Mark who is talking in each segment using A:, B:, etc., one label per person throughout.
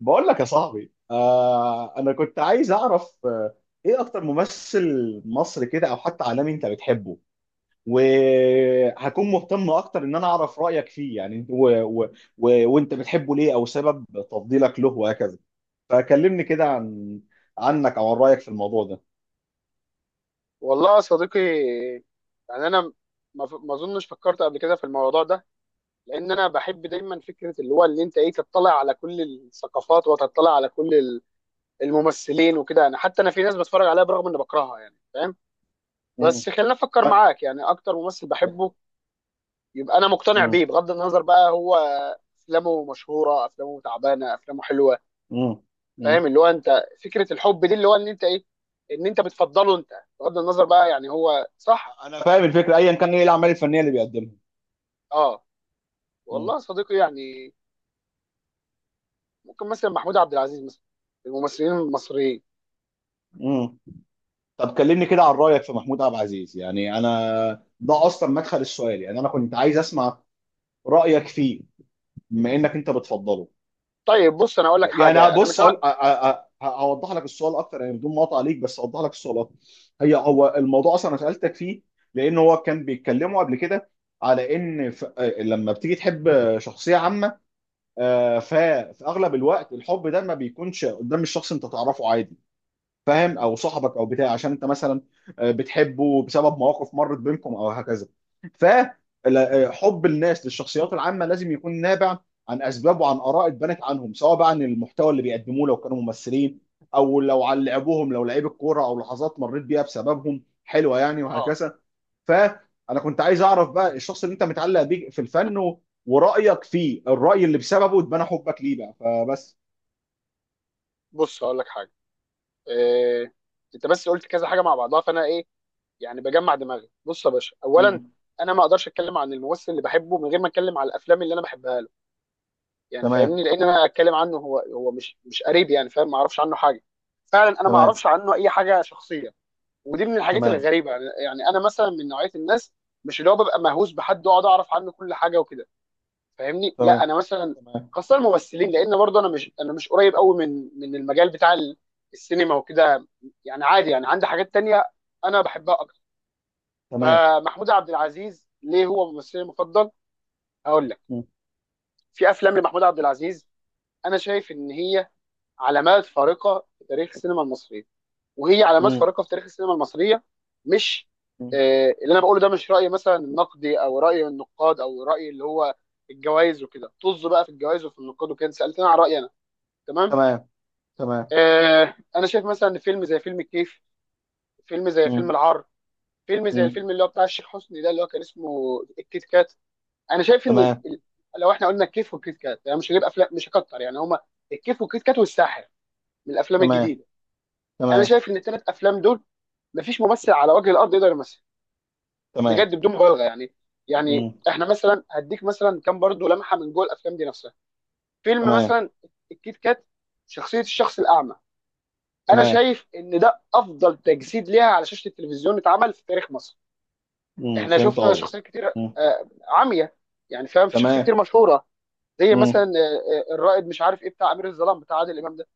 A: بقول لك يا صاحبي، انا كنت عايز اعرف ايه اكتر ممثل مصري كده او حتى عالمي انت بتحبه. وهكون مهتم اكتر ان انا اعرف رايك فيه يعني و... و... و... وانت بتحبه ليه او سبب تفضيلك له وهكذا. فكلمني كده
B: مم.
A: عنك او عن رايك في الموضوع ده.
B: والله يا صديقي، يعني انا ما اظنش فكرت قبل كده في الموضوع ده، لان انا بحب دايما فكره اللي هو اللي انت ايه تطلع على كل الثقافات وتطلع على كل الممثلين وكده. انا حتى انا في ناس بتفرج عليها برغم اني بكرهها، يعني فاهم.
A: مم.
B: بس خلينا افكر
A: ف...
B: معاك يعني اكتر ممثل بحبه، يبقى انا مقتنع
A: مم.
B: بيه بغض النظر بقى هو افلامه مشهوره، افلامه تعبانه، افلامه حلوه.
A: مم. مم.
B: فاهم اللي هو انت فكره الحب دي اللي هو ان انت ايه، ان انت بتفضله انت بغض النظر بقى، يعني هو صح.
A: انا فاهم الفكره ايا كان ايه الاعمال الفنيه اللي بيقدمها.
B: اه. والله
A: مم.
B: يا صديقي، يعني ممكن مثلا محمود عبد العزيز، مثلا الممثلين المصريين.
A: مم. طب كلمني كده عن رأيك في محمود عبد العزيز، يعني انا ده اصلا مدخل السؤال، يعني انا كنت عايز اسمع رأيك فيه بما انك انت بتفضله.
B: طيب بص انا اقول لك
A: يعني
B: حاجه، انا مش
A: بص،
B: عارف.
A: هوضح لك السؤال اكتر، يعني بدون مقاطعة عليك، بس هوضح لك السؤال اكتر. هو الموضوع اصلا انا سألتك فيه لان هو كان بيتكلموا قبل كده على ان لما بتيجي تحب شخصية عامة، آه، ف... في اغلب الوقت الحب ده ما بيكونش قدام الشخص انت تعرفه عادي، فاهم، او صاحبك او بتاع. عشان انت مثلا بتحبه بسبب مواقف مرت بينكم او هكذا. فحب الناس للشخصيات العامه لازم يكون نابع عن اسباب وعن اراء اتبنت عنهم، سواء بقى عن المحتوى اللي بيقدموه لو كانوا ممثلين، او لو عن لعبهم لو لعيب الكوره، او لحظات مريت بيها بسببهم حلوه يعني
B: اه.
A: وهكذا. فانا كنت عايز اعرف بقى الشخص اللي انت متعلق بيه في الفن ورايك فيه، الراي اللي بسببه اتبنى حبك ليه بقى، فبس.
B: بص اقول لك حاجه. إيه... انت بس قلت كذا حاجه مع بعضها، فانا ايه يعني، بجمع دماغي. بص يا باشا، اولا
A: مم.
B: انا ما اقدرش اتكلم عن الممثل اللي بحبه من غير ما اتكلم على الافلام اللي انا بحبها له. يعني
A: تمام.
B: فاهمني، لان انا اتكلم عنه هو مش قريب، يعني فاهم ما اعرفش عنه حاجه. فعلا انا ما
A: تمام.
B: اعرفش عنه اي حاجه شخصيه. ودي من الحاجات
A: تمام.
B: الغريبه، يعني انا مثلا من نوعيه الناس مش اللي هو ببقى مهووس بحد واقعد اعرف عنه كل حاجه وكده. فاهمني، لا
A: تمام.
B: انا مثلا
A: تمام.
B: خاصه الممثلين، لان برضه انا مش قريب قوي من المجال بتاع السينما وكده. يعني عادي، يعني عندي حاجات تانية انا بحبها اكتر.
A: تمام.
B: فمحمود عبد العزيز ليه هو ممثلي المفضل؟ هقول لك.
A: مم.
B: في افلام لمحمود عبد العزيز انا شايف ان هي علامات فارقه في تاريخ السينما المصريه، وهي علامات
A: مم.
B: فارقه في تاريخ السينما المصريه. مش
A: مم.
B: اللي انا بقوله ده مش راي مثلا النقدي، او راي النقاد او راي اللي هو الجوائز وكده. طز بقى في الجوائز وفي النقاد وكده، سالتني عن رايي انا. تمام.
A: تمام. تمام.
B: انا شايف مثلا ان فيلم زي فيلم الكيف، فيلم زي فيلم
A: مم.
B: العار، فيلم زي
A: مم.
B: الفيلم اللي هو بتاع الشيخ حسني ده اللي هو كان اسمه الكيت كات. انا شايف ان
A: تمام.
B: ال- لو احنا قلنا الكيف والكيت كات، يعني مش هجيب افلام مش هكتر، يعني هما الكيف والكيت كات والساحر من الافلام
A: تمام.
B: الجديده. انا
A: تمام.
B: شايف ان الثلاث افلام دول مفيش ممثل على وجه الارض يقدر يمثل،
A: تمام.
B: بجد بدون مبالغه يعني. يعني
A: مم.
B: احنا مثلا هديك مثلا كام برضو لمحه من جوه الافلام دي نفسها. فيلم
A: تمام.
B: مثلا الكيت كات، شخصيه الشخص الاعمى، انا
A: تمام.
B: شايف ان ده افضل تجسيد ليها على شاشه التلفزيون اتعمل في تاريخ مصر.
A: مم.
B: احنا
A: فهمت
B: شفنا
A: قصدي.
B: شخصيات كتير
A: مم.
B: عمية، يعني فاهم، في شخصيات
A: تمام.
B: كتير مشهوره، زي مثلا
A: مم.
B: الرائد مش عارف ايه بتاع امير الظلام بتاع عادل امام ده.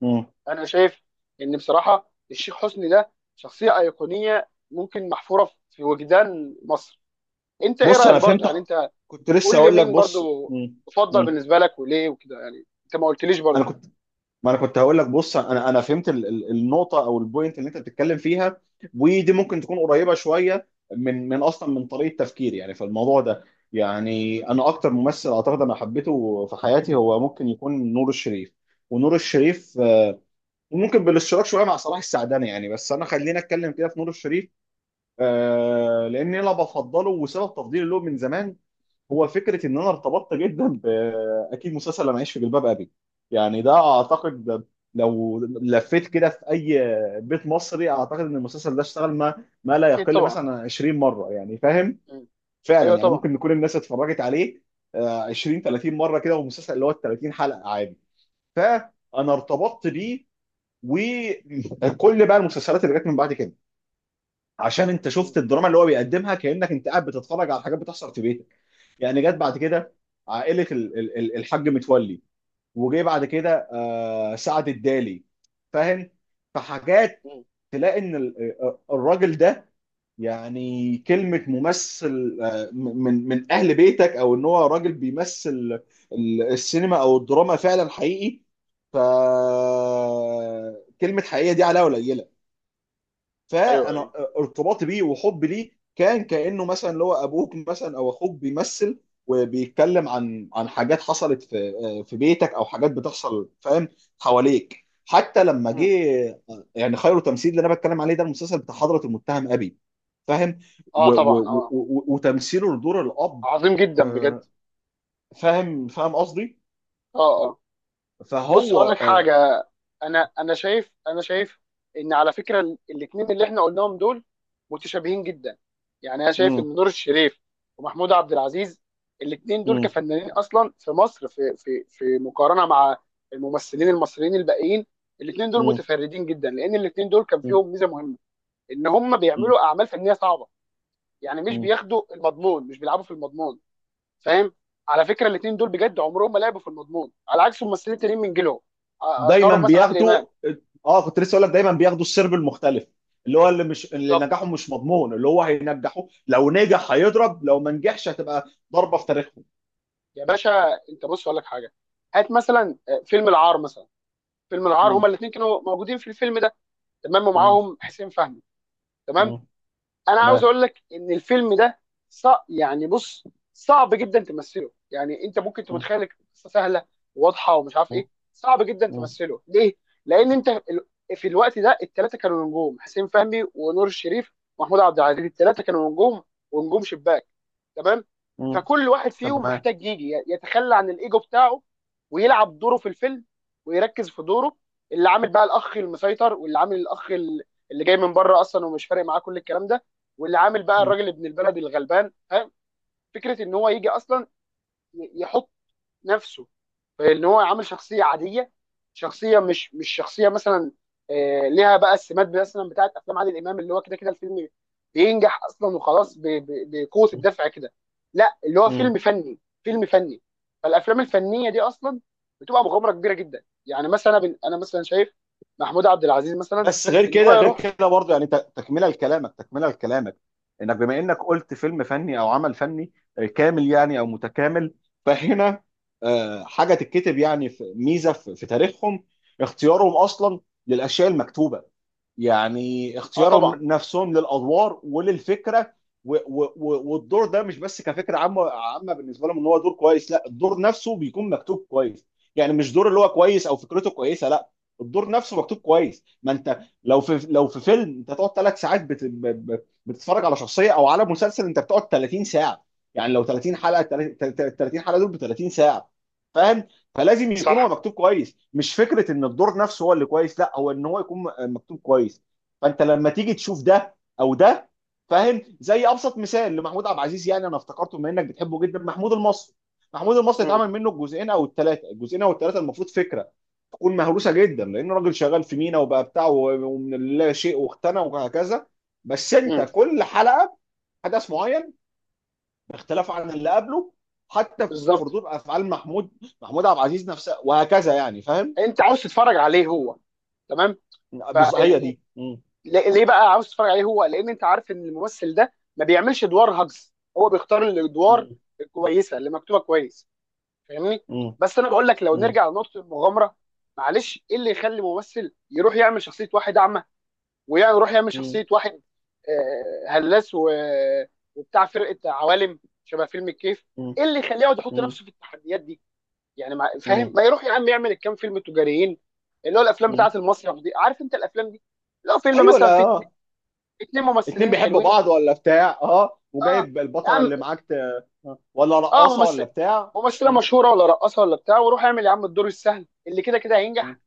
A: مم.
B: انا شايف ان بصراحه الشيخ حسني ده شخصيه ايقونيه، ممكن محفوره في وجدان مصر. انت ايه
A: بص
B: رايك
A: انا
B: برضو
A: فهمت.
B: يعني انت؟
A: كنت لسه
B: قول لي
A: اقول لك
B: مين
A: بص.
B: برضو
A: مم.
B: تفضل
A: مم.
B: بالنسبه لك وليه وكده، يعني انت ما قلتليش برضو.
A: انا كنت، ما انا كنت هقول لك بص، انا فهمت النقطه او البوينت اللي انت بتتكلم فيها. ودي ممكن تكون قريبه شويه من من اصلا من طريقه تفكيري يعني في الموضوع ده. يعني انا اكتر ممثل اعتقد انا حبيته في حياتي هو ممكن يكون نور الشريف. ونور الشريف وممكن بالاشتراك شويه مع صلاح السعداني يعني. بس انا خلينا اتكلم كده في نور الشريف. لان انا بفضله، وسبب تفضيلي له من زمان هو فكره ان انا ارتبطت جدا باكيد مسلسل لما اعيش في جلباب ابي. يعني ده اعتقد ده لو لفيت كده في اي بيت مصري اعتقد ان المسلسل ده اشتغل ما ما لا
B: اكيد
A: يقل
B: طبعا.
A: مثلا عن 20 مره، يعني فاهم.
B: مم.
A: فعلا
B: ايوه
A: يعني
B: طبعا.
A: ممكن يكون الناس اتفرجت عليه 20 30 مره كده، والمسلسل اللي هو ال 30 حلقه عادي. فانا ارتبطت بيه، وكل بقى المسلسلات اللي جت من بعد كده عشان انت
B: مم.
A: شفت الدراما اللي هو بيقدمها كانك انت قاعد بتتفرج على حاجات بتحصل في بيتك. يعني جت بعد كده عائله الحاج متولي. وجي بعد كده سعد الدالي، فاهم. فحاجات
B: مم.
A: تلاقي ان الراجل ده، يعني كلمه ممثل، من من اهل بيتك، او ان هو راجل بيمثل السينما او الدراما فعلا حقيقي. ف كلمه حقيقيه دي عليها ولا.
B: ايوه
A: فانا
B: ايوه.
A: ارتباطي بيه وحبي ليه كان كانه مثلا اللي هو ابوك مثلا او اخوك بيمثل وبيتكلم عن حاجات حصلت في في بيتك او حاجات بتحصل، فاهم، حواليك. حتى لما جه،
B: مم.
A: يعني خير تمثيل اللي انا بتكلم عليه ده المسلسل بتاع حضرة المتهم ابي، فاهم،
B: اه
A: و و
B: طبعا
A: و
B: اه.
A: و وتمثيله لدور الاب
B: عظيم جدا بجد.
A: آه، فاهم فاهم قصدي.
B: اه. آه. بص اقول
A: فهو
B: لك حاجه، انا شايف، انا شايف ان على فكره الاتنين اللي احنا قلناهم دول متشابهين جدا. يعني انا شايف
A: مم،
B: ان نور الشريف ومحمود عبد العزيز الاتنين دول
A: مم،
B: كفنانين اصلا في مصر، في في مقارنه مع الممثلين المصريين الباقيين الاتنين دول
A: مم،
B: متفردين جدا، لان الاتنين دول كان فيهم ميزه مهمه ان هم
A: مم،
B: بيعملوا اعمال فنيه صعبه. يعني مش
A: مم،
B: بياخدوا المضمون، مش بيلعبوا في المضمون، فاهم. على فكره الاثنين دول بجد عمرهم ما لعبوا في المضمون على عكس الممثلين التانيين من جيلهم،
A: دايما
B: اشهرهم مثلا عادل
A: بياخدوا.
B: امام.
A: اه كنت لسه اقول لك دايما بياخدوا السرب المختلف، اللي هو اللي مش اللي
B: بالظبط
A: نجاحه مش مضمون، اللي هو هينجحه لو نجح هيضرب، لو ما نجحش هتبقى ضربة في تاريخهم.
B: يا باشا. انت بص اقول لك حاجه، هات مثلا فيلم العار مثلا. فيلم العار
A: مم.
B: هما الاثنين كانوا موجودين في الفيلم ده، تمام،
A: مم.
B: ومعاهم حسين فهمي، تمام.
A: مم.
B: انا عاوز
A: تمام.
B: اقول لك ان الفيلم ده يعني بص صعب جدا تمثله. يعني انت ممكن
A: مم.
B: تتخيل القصه سهله واضحه ومش عارف
A: مم.
B: ايه، صعب جدا
A: مم.
B: تمثله ليه؟ لان انت في الوقت ده الثلاثه كانوا نجوم، حسين فهمي ونور الشريف ومحمود عبد العزيز، الثلاثه كانوا نجوم ونجوم شباك، تمام.
A: مم.
B: فكل واحد فيهم
A: تمام.
B: محتاج يجي يتخلى عن الايجو بتاعه ويلعب دوره في الفيلم، ويركز في دوره. اللي عامل بقى الاخ المسيطر، واللي عامل الاخ اللي جاي من بره اصلا ومش فارق معاه كل الكلام ده، واللي عامل بقى
A: مم.
B: الراجل ابن البلد الغلبان، فاهم. فكره ان هو يجي اصلا يحط نفسه، فان هو عامل شخصيه عاديه، شخصيه مش شخصيه مثلا ليها بقى السمات مثلا بتاعت افلام عادل امام اللي هو كده كده الفيلم بينجح اصلا وخلاص، بقوه الدفع كده. لا اللي هو
A: مم.
B: فيلم فني، فيلم فني. فالافلام الفنيه دي اصلا بتبقى مغامره كبيره جدا، يعني مثلا انا مثلا شايف محمود عبد العزيز مثلا
A: بس غير
B: ان هو
A: كده، غير
B: يروح.
A: كده برضه يعني، تكمله لكلامك، تكمله لكلامك انك، بما انك قلت فيلم فني او عمل فني كامل يعني او متكامل. فهنا حاجه تتكتب يعني في ميزه في في تاريخهم، اختيارهم اصلا للاشياء المكتوبه. يعني
B: اه
A: اختيارهم
B: طبعا.
A: نفسهم للادوار وللفكره. و و و والدور ده مش بس كفكره عامه عامه بالنسبه لهم ان هو دور كويس، لا، الدور نفسه بيكون مكتوب كويس. يعني مش دور اللي هو كويس او فكرته كويسه، لا، الدور نفسه مكتوب كويس. ما انت لو في لو في فيلم انت تقعد ثلاث ساعات بتتفرج على شخصيه، او على مسلسل انت بتقعد 30 ساعه. يعني لو 30 حلقه، 30 حلقه دول ب 30 ساعه، فاهم. فلازم يكون هو
B: صح.
A: مكتوب كويس، مش فكره ان الدور نفسه هو اللي كويس، لا، هو ان هو يكون مكتوب كويس. فانت لما تيجي تشوف ده او ده، فاهم، زي ابسط مثال لمحمود عبد العزيز يعني، انا افتكرته بما انك بتحبه جدا، محمود المصري. محمود المصري اتعمل منه الجزئين او الثلاثه. الجزئين او الثلاثه المفروض فكره تكون مهروسه جدا لانه راجل شغال في مينا وبقى بتاعه ومن لا شيء واختنى وهكذا. بس انت
B: امم.
A: كل حلقه حدث معين باختلافه عن اللي قبله، حتى في
B: بالظبط.
A: ردود افعال محمود، محمود عبد العزيز نفسه وهكذا، يعني فاهم.
B: انت عاوز تتفرج عليه هو. تمام.
A: هي دي. مم.
B: ليه ليه بقى عاوز تتفرج عليه هو؟ لان انت عارف ان الممثل ده ما بيعملش ادوار هجز، هو بيختار الادوار
A: مم.
B: الكويسه اللي مكتوبه كويس، فاهمني.
A: مم.
B: بس انا بقول لك لو
A: مم.
B: نرجع لنقطه المغامره، معلش ايه اللي يخلي ممثل يروح يعمل شخصيه واحد اعمى، ويروح يعمل
A: مم.
B: شخصيه واحد هلاس وبتاع فرقه عوالم شبه فيلم الكيف؟
A: مم.
B: ايه اللي يخليه يقعد يحط
A: مم.
B: نفسه في التحديات دي؟ يعني ما فاهم،
A: مم.
B: ما يروح يا عم يعمل الكام فيلم تجاريين اللي هو الافلام
A: مم.
B: بتاعه المسرح دي، عارف انت الافلام دي. لو فيلم
A: ايوه.
B: مثلا
A: لا
B: فيه
A: آه.
B: اتنين
A: اتنين
B: ممثلين
A: بيحبوا
B: حلوين،
A: بعض ولا بتاع، اه،
B: اه
A: وجايب
B: يا
A: البطله
B: عم
A: اللي معاك آه. ولا
B: اه،
A: رقاصه ولا
B: ممثل
A: بتاع.
B: ممثله
A: مم.
B: مشهوره ولا رقاصه ولا بتاع، وروح اعمل يا عم الدور السهل اللي كده كده
A: مم.
B: هينجح.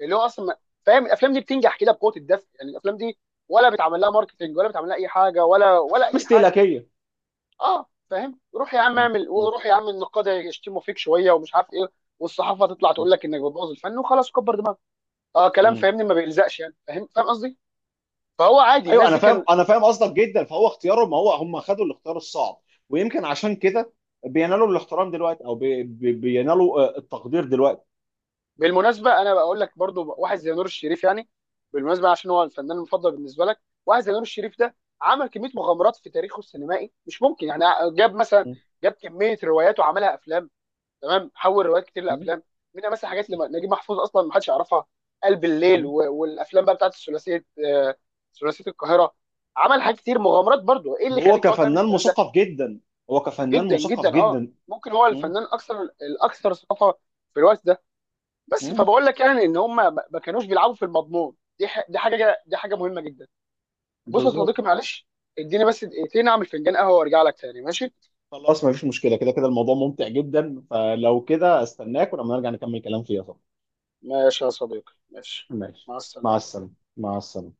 B: اللي هو اصلا فاهم الافلام دي بتنجح كده بقوه الدفع، يعني الافلام دي ولا بيتعمل لها ماركتنج ولا بيتعمل لها اي حاجه ولا
A: افلام
B: اي حاجه.
A: استهلاكيه.
B: اه فاهم، روح يا عم
A: مم.
B: اعمل
A: مم.
B: وروح يا عم النقاد يشتموا فيك شويه ومش عارف ايه، والصحافه تطلع تقول لك انك بتبوظ الفن وخلاص كبر دماغك. اه كلام
A: مم.
B: فاهمني ما بيلزقش، يعني فاهم قصدي. فهو عادي
A: ايوه
B: الناس
A: انا
B: دي
A: فاهم،
B: كان.
A: انا فاهم قصدك جدا. فهو اختياره، ما هو هم خدوا الاختيار الصعب، ويمكن عشان كده بينالوا الاحترام دلوقتي، او بي بي بينالوا التقدير دلوقتي.
B: بالمناسبه انا بقول لك برضو واحد زي نور الشريف يعني، بالمناسبه عشان هو الفنان المفضل بالنسبه لك، واحد زي نور الشريف ده عمل كميه مغامرات في تاريخه السينمائي مش ممكن يعني. جاب مثلا
A: م-
B: جاب كميه روايات وعملها افلام، تمام، حول روايات كتير
A: م-
B: لافلام، منها مثلا حاجات لنجيب محفوظ اصلا ما حدش يعرفها، قلب الليل
A: م.
B: والافلام بقى بتاعت الثلاثيه، ثلاثيه القاهره. عمل حاجات كتير مغامرات برضو، ايه اللي
A: وهو
B: يخليك تقعد تعمل
A: كفنان
B: الكلام ده.
A: مثقف جدا. هو كفنان
B: جدا جدا
A: مثقف
B: اه،
A: جدا.
B: ممكن هو
A: م-
B: الفنان الاكثر ثقافه في الوقت ده. بس
A: م.
B: فبقول لك يعني ان هم ما كانوش بيلعبوا في المضمون، دي دي حاجه، دي حاجه مهمه جدا. بص يا
A: بالظبط.
B: صديقي معلش، اديني بس دقيقتين اعمل فنجان قهوه وارجع لك تاني، ماشي.
A: خلاص ما فيش مشكله، كده كده الموضوع ممتع جدا، فلو كده استناك ولما نرجع نكمل كلام فيها طبعا.
B: ماشي يا صديقي ماشي.
A: ماشي.
B: مع
A: مع
B: السلامه.
A: السلامه. مع السلامه.